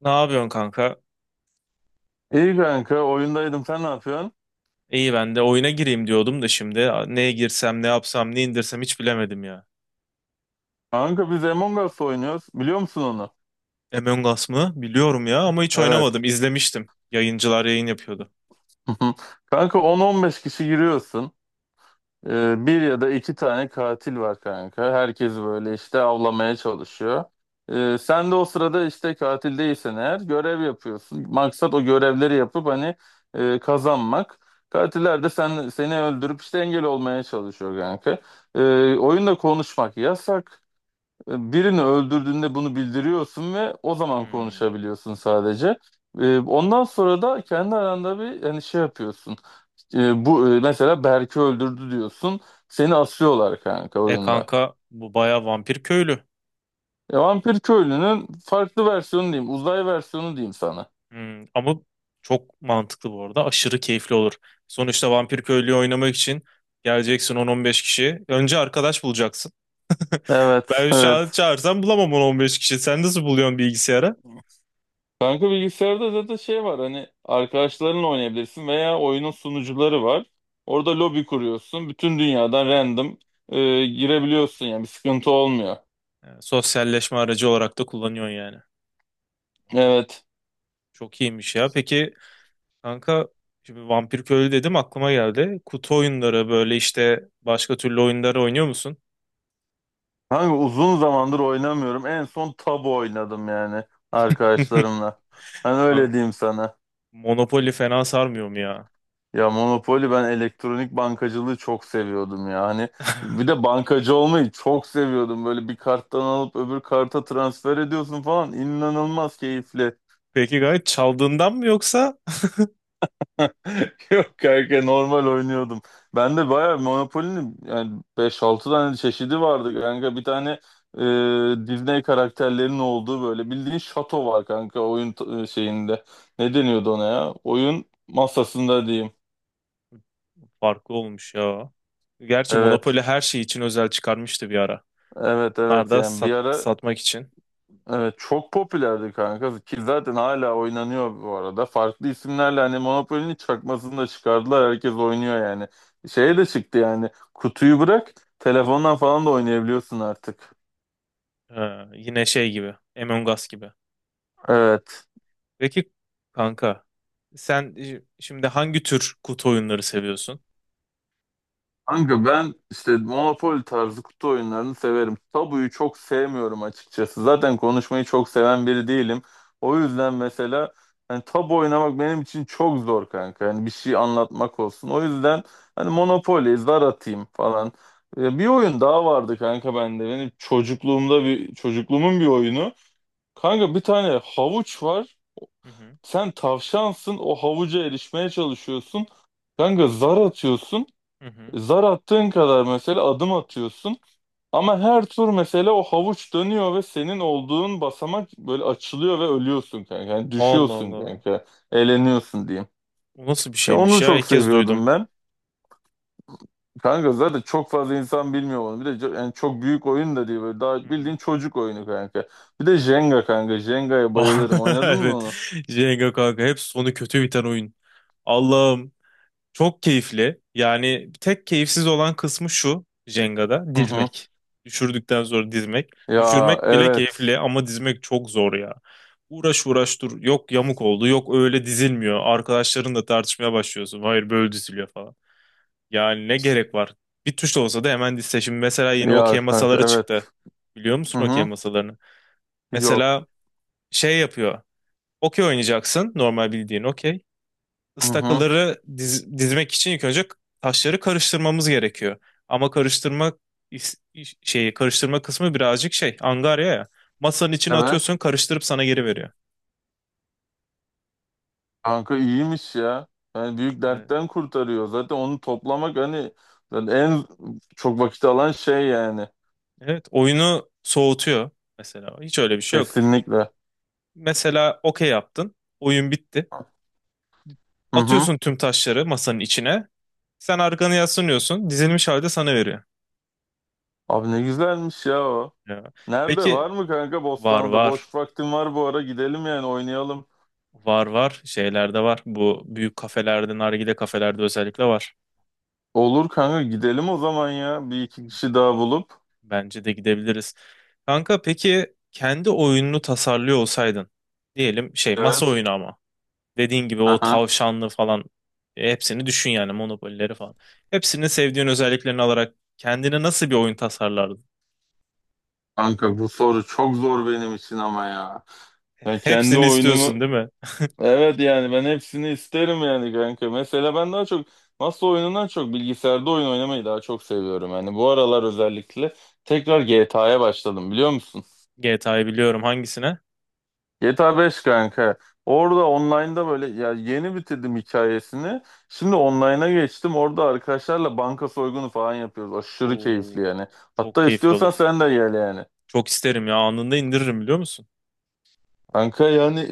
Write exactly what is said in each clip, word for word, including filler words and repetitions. Ne yapıyorsun kanka? İyi kanka oyundaydım, sen ne yapıyorsun? İyi ben de oyuna gireyim diyordum da şimdi neye girsem, ne yapsam, ne indirsem hiç bilemedim ya. Kanka biz Among Us oynuyoruz, biliyor musun onu? Among Us mı? Biliyorum ya ama hiç oynamadım. Evet. İzlemiştim. Yayıncılar yayın yapıyordu. Kanka on on beş kişi giriyorsun. Ee, bir ya da iki tane katil var kanka. Herkes böyle işte avlamaya çalışıyor. Ee, sen de o sırada işte katil değilsen eğer görev yapıyorsun. Maksat o görevleri yapıp hani e, kazanmak. Katiller de sen, seni öldürüp işte engel olmaya çalışıyor kanka. Ee, Oyunda konuşmak yasak. Birini öldürdüğünde bunu bildiriyorsun ve o zaman Hmm. konuşabiliyorsun sadece. Ee, Ondan sonra da kendi aranda bir hani şey yapıyorsun. Ee, Bu e, mesela Berk'i öldürdü diyorsun. Seni asıyorlar kanka E oyunda. kanka bu baya vampir köylü. E, Vampir köylünün farklı versiyonu diyeyim, uzay versiyonu diyeyim sana. Hmm. Ama çok mantıklı bu arada. Aşırı keyifli olur. Sonuçta vampir köylüyü oynamak için geleceksin on on beş kişi. Önce arkadaş bulacaksın. Evet, Ben şu an evet. çağırsam bulamam on on beş kişi. Sen nasıl buluyorsun bilgisayara? Kanka bilgisayarda zaten şey var, hani arkadaşlarınla oynayabilirsin veya oyunun sunucuları var. Orada lobi kuruyorsun. Bütün dünyadan random e, girebiliyorsun, yani bir sıkıntı olmuyor. Sosyalleşme aracı olarak da kullanıyorsun yani. Evet. Çok iyiymiş ya. Peki kanka şimdi Vampir Köylü dedim aklıma geldi. Kutu oyunları böyle işte başka türlü oyunları oynuyor musun? Hangi uzun zamandır oynamıyorum. En son tabu oynadım, yani arkadaşlarımla. Hani öyle Abi, diyeyim sana. Monopoly fena sarmıyor mu ya? Ya Monopoly, ben elektronik bankacılığı çok seviyordum ya. Hani bir de bankacı olmayı çok seviyordum. Böyle bir karttan alıp öbür karta transfer ediyorsun falan. İnanılmaz keyifli. Peki gayet çaldığından mı yoksa? Yok kanka, normal oynuyordum. Ben de bayağı Monopoly'nin yani beş altı tane çeşidi vardı kanka. Bir tane e, Disney karakterlerinin olduğu, böyle bildiğin şato var kanka oyun t- e, şeyinde. Ne deniyordu ona ya? Oyun masasında diyeyim. Farklı olmuş ya. Gerçi Evet, Monopoly her şey için özel çıkarmıştı bir ara. evet, Onlar evet, da yani bir sat- ara satmak için. evet çok popülerdi kanka ki zaten hala oynanıyor bu arada. Farklı isimlerle hani Monopoly'nin çakmasını da çıkardılar. Herkes oynuyor yani. Şeye de çıktı yani. Kutuyu bırak, telefondan falan da oynayabiliyorsun artık. Ha, yine şey gibi. Among Us gibi. Evet. Peki kanka sen şi- şimdi hangi tür kutu oyunları seviyorsun? Kanka ben işte Monopoly tarzı kutu oyunlarını severim. Tabuyu çok sevmiyorum açıkçası. Zaten konuşmayı çok seven biri değilim. O yüzden mesela hani tabu oynamak benim için çok zor kanka. Yani bir şey anlatmak olsun. O yüzden hani Monopoly, zar atayım falan. Ee, Bir oyun daha vardı kanka bende. Benim çocukluğumda bir çocukluğumun bir oyunu. Kanka bir tane havuç var. Hı hı. Sen tavşansın. O havuca erişmeye çalışıyorsun. Kanka zar atıyorsun. Hı hı. Zar attığın kadar mesela adım atıyorsun, ama her tur mesela o havuç dönüyor ve senin olduğun basamak böyle açılıyor ve ölüyorsun kanka. Yani Allah düşüyorsun Allah. kanka. Eğleniyorsun diyeyim. Bu nasıl bir Ya şeymiş onu ya? çok İlk kez seviyordum duydum. ben. Kanka zaten çok fazla insan bilmiyor onu. Bir de co- yani çok büyük oyun da değil, böyle Hı daha bildiğin hı. çocuk oyunu kanka. Bir de Jenga kanka. Jenga'ya Ah, bayılırım. Oynadın mı evet. onu? Jenga kanka hep sonu kötü biten oyun. Allah'ım. Çok keyifli. Yani tek keyifsiz olan kısmı şu Jenga'da Hı hı. dizmek. Düşürdükten sonra dizmek. Ya Düşürmek bile evet. keyifli ama dizmek çok zor ya. Uğraş uğraş dur. Yok yamuk oldu. Yok öyle dizilmiyor. Arkadaşlarınla tartışmaya başlıyorsun. Hayır böyle diziliyor falan. Yani ne gerek var? Bir tuşla olsa da hemen dizse. Şimdi mesela yeni okey Ya kanka masaları çıktı. evet. Biliyor Hı musun okey hı. masalarını? Yok. Mesela şey yapıyor. Okey oynayacaksın. Normal bildiğin okey Hı hı. ıstakaları diz- dizmek için ilk önce taşları karıştırmamız gerekiyor. Ama karıştırma is- iş- şeyi karıştırma kısmı birazcık şey angarya ya. Masanın içine Evet. atıyorsun karıştırıp sana geri veriyor. Kanka iyiymiş ya. Yani büyük Evet. dertten kurtarıyor. Zaten onu toplamak hani zaten en çok vakit alan şey yani. Evet oyunu soğutuyor mesela. Hiç öyle bir şey yok. Kesinlikle. Mesela okey yaptın. Oyun bitti. Hı hı. Atıyorsun tüm taşları masanın içine. Sen arkanı yaslanıyorsun. Dizilmiş halde sana veriyor. Abi ne güzelmiş ya o. Ya. Nerede Peki var mı kanka, var Bostanlı'da? var. Boş vaktim var bu ara, gidelim yani oynayalım. Var var. Şeylerde var. Bu büyük kafelerde, nargile kafelerde özellikle var. Olur kanka, gidelim o zaman ya. Bir iki kişi daha bulup. Bence de gidebiliriz. Kanka peki kendi oyununu tasarlıyor olsaydın diyelim şey masa Evet. oyunu ama dediğin gibi o Aha. tavşanlı falan e, hepsini düşün yani Monopoly'leri falan. Hepsini sevdiğin özelliklerini alarak kendine nasıl bir oyun tasarlardın? Kanka bu soru çok zor benim için ama ya. Ben kendi Hepsini oyunumu istiyorsun değil mi? evet yani ben hepsini isterim yani kanka. Mesela ben daha çok masa oyunundan çok bilgisayarda oyun oynamayı daha çok seviyorum. Yani bu aralar özellikle tekrar G T A'ya başladım, biliyor musun? G T A'yı biliyorum hangisine? G T A beş kanka. Orada online'da böyle, ya yeni bitirdim hikayesini. Şimdi online'a geçtim. Orada arkadaşlarla banka soygunu falan yapıyoruz. Aşırı keyifli Oo, yani. çok Hatta keyifli olur. istiyorsan sen de gel yani. Çok isterim ya anında indiririm biliyor musun? Kanka yani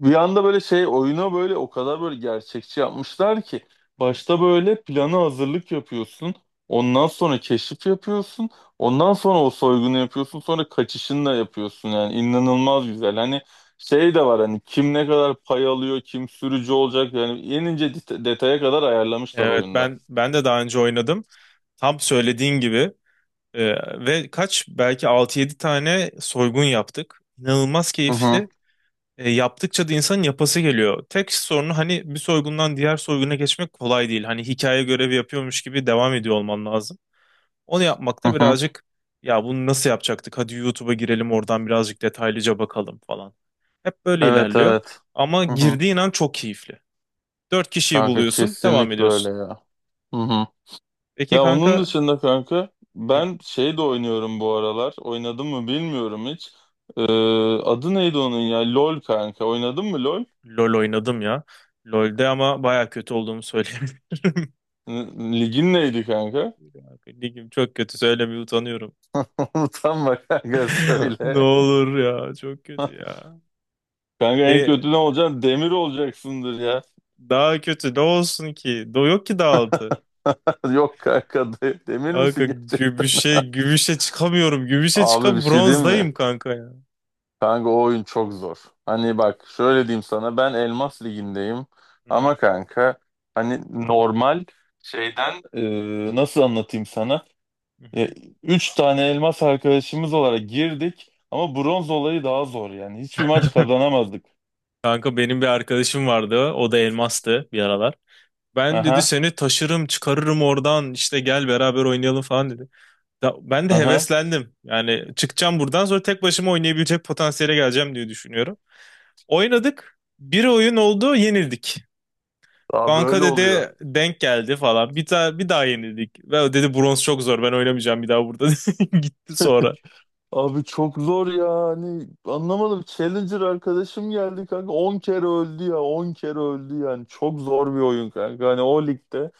bir anda böyle şey, oyuna böyle o kadar böyle gerçekçi yapmışlar ki başta böyle plana hazırlık yapıyorsun. Ondan sonra keşif yapıyorsun. Ondan sonra o soygunu yapıyorsun. Sonra kaçışını da yapıyorsun. Yani inanılmaz güzel. Hani şey de var, hani kim ne kadar pay alıyor, kim sürücü olacak. Yani en ince det- detaya kadar ayarlamışlar Evet oyunda. ben ben de daha önce oynadım. Tam söylediğin gibi Ee, ve kaç belki altı yedi tane soygun yaptık. İnanılmaz Hı hı, keyifli. Ee, yaptıkça da insanın yapası geliyor. Tek sorunu hani bir soygundan diğer soyguna geçmek kolay değil. Hani hikaye görevi yapıyormuş gibi devam ediyor olman lazım. Onu hı yapmakta hı. birazcık ya bunu nasıl yapacaktık? Hadi YouTube'a girelim oradan birazcık detaylıca bakalım falan. Hep böyle Evet, ilerliyor. evet. Ama Hı hı. girdiğin an çok keyifli. Dört kişiyi Kanka buluyorsun, devam kesinlikle öyle ediyorsun. ya. Hı hı. Peki Ya onun kanka, dışında kanka hı. ben şey de oynuyorum bu aralar. Oynadım mı bilmiyorum hiç. Ee, Adı neydi onun ya? LOL kanka. Oynadın mı LOL? LoL oynadım ya. lolde ama baya kötü olduğumu söyleyebilirim. N- Ligin neydi kanka? Ligim çok kötü söylemeye utanıyorum. Utanma kanka, Ne söyle. olur ya çok kötü ya. Kanka en kötü ne E olacaksın? Demir olacaksındır ya. daha kötü ne olsun ki? Do yok ki daha altı. Yok kanka, de- demir Kanka misin gerçekten? gümüşe gümüşe çıkamıyorum. Gümüşe Abi bir çıkam şey diyeyim mi? bronzdayım kanka ya. Kanka o oyun çok zor. Hani bak şöyle diyeyim sana, ben Elmas Ligi'ndeyim Hı hı, ama kanka hani normal şeyden e, nasıl anlatayım sana? hı E, hı. üç tane elmas arkadaşımız olarak girdik ama bronz olayı daha zor yani. Hiçbir maç kazanamazdık. Kanka benim bir arkadaşım vardı. O da elmastı bir aralar. Ben dedi Aha, seni taşırım çıkarırım oradan işte gel beraber oynayalım falan dedi. Da- ben de aha. heveslendim. Yani çıkacağım buradan sonra tek başıma oynayabilecek potansiyele geleceğim diye düşünüyorum. Oynadık. Bir oyun oldu, yenildik. Daha Kanka böyle oluyor. dedi denk geldi falan. Bir daha bir daha yenildik. Ve o dedi bronz çok zor. Ben oynamayacağım bir daha burada. Gitti sonra. Abi çok zor ya, hani anlamadım. Challenger arkadaşım geldi kanka, on kere öldü ya, on kere öldü yani. Çok zor bir oyun kanka hani o ligde.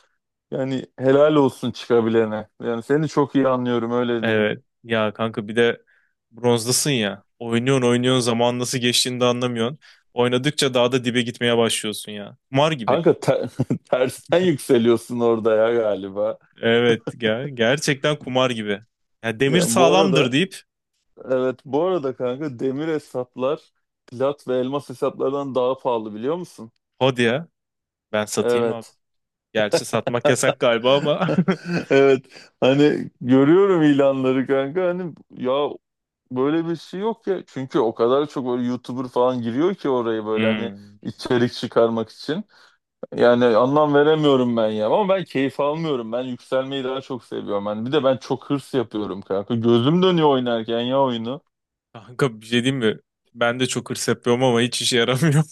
Yani helal olsun çıkabilene. Yani seni çok iyi anlıyorum, öyle diyeyim. Evet. Ya kanka bir de bronzdasın ya. Oynuyorsun oynuyorsun zaman nasıl geçtiğini de anlamıyorsun. Oynadıkça daha da dibe gitmeye başlıyorsun ya. Kumar gibi. Kanka te- tersten yükseliyorsun orada ya galiba. Evet ya gerçekten kumar gibi. Ya demir Yani bu sağlamdır arada deyip evet bu arada kanka demir hesaplar plat ve elmas hesaplardan daha pahalı, biliyor musun? hadi ya. Ben satayım abi. Evet. Gerçi satmak yasak galiba ama. Evet. Hani görüyorum ilanları kanka, hani ya böyle bir şey yok ya. Çünkü o kadar çok böyle YouTuber falan giriyor ki oraya, böyle hani Hmm. içerik çıkarmak için. Yani anlam veremiyorum ben ya. Ama ben keyif almıyorum. Ben yükselmeyi daha çok seviyorum. Ben, bir de ben çok hırs yapıyorum kanka. Gözüm dönüyor oynarken ya oyunu. Kanka bir şey diyeyim mi? Ben de çok hırs yapıyorum ama hiç işe yaramıyor.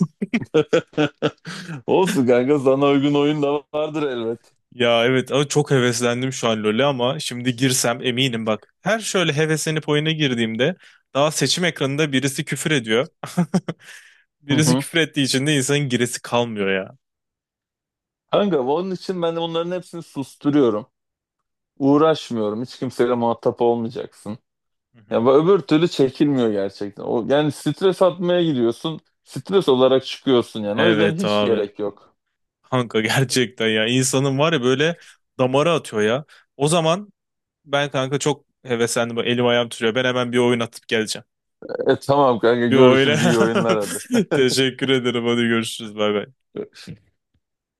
Olsun kanka, sana uygun oyun da vardır elbet. Ya evet ama çok heveslendim şu an LoL'e ama şimdi girsem eminim bak. Her şöyle heveslenip oyuna girdiğimde daha seçim ekranında birisi küfür ediyor. Hı Birisi hı. küfür ettiği için de insanın giresi kalmıyor ya. Kanka onun için ben de bunların hepsini susturuyorum. Uğraşmıyorum. Hiç kimseyle muhatap olmayacaksın. Hı Ya hı. bu öbür türlü çekilmiyor gerçekten. O yani, stres atmaya gidiyorsun. Stres olarak çıkıyorsun yani. O yüzden Evet hiç abi. gerek yok. Kanka gerçekten ya insanın var ya böyle damara atıyor ya. O zaman ben kanka çok heveslendim. Bak elim ayağım tutuyor. Ben hemen bir oyun atıp geleceğim. E, tamam kanka, Bir oyuna. görüşürüz, iyi oyunlar, hadi. Teşekkür ederim. Hadi görüşürüz. Bay bay.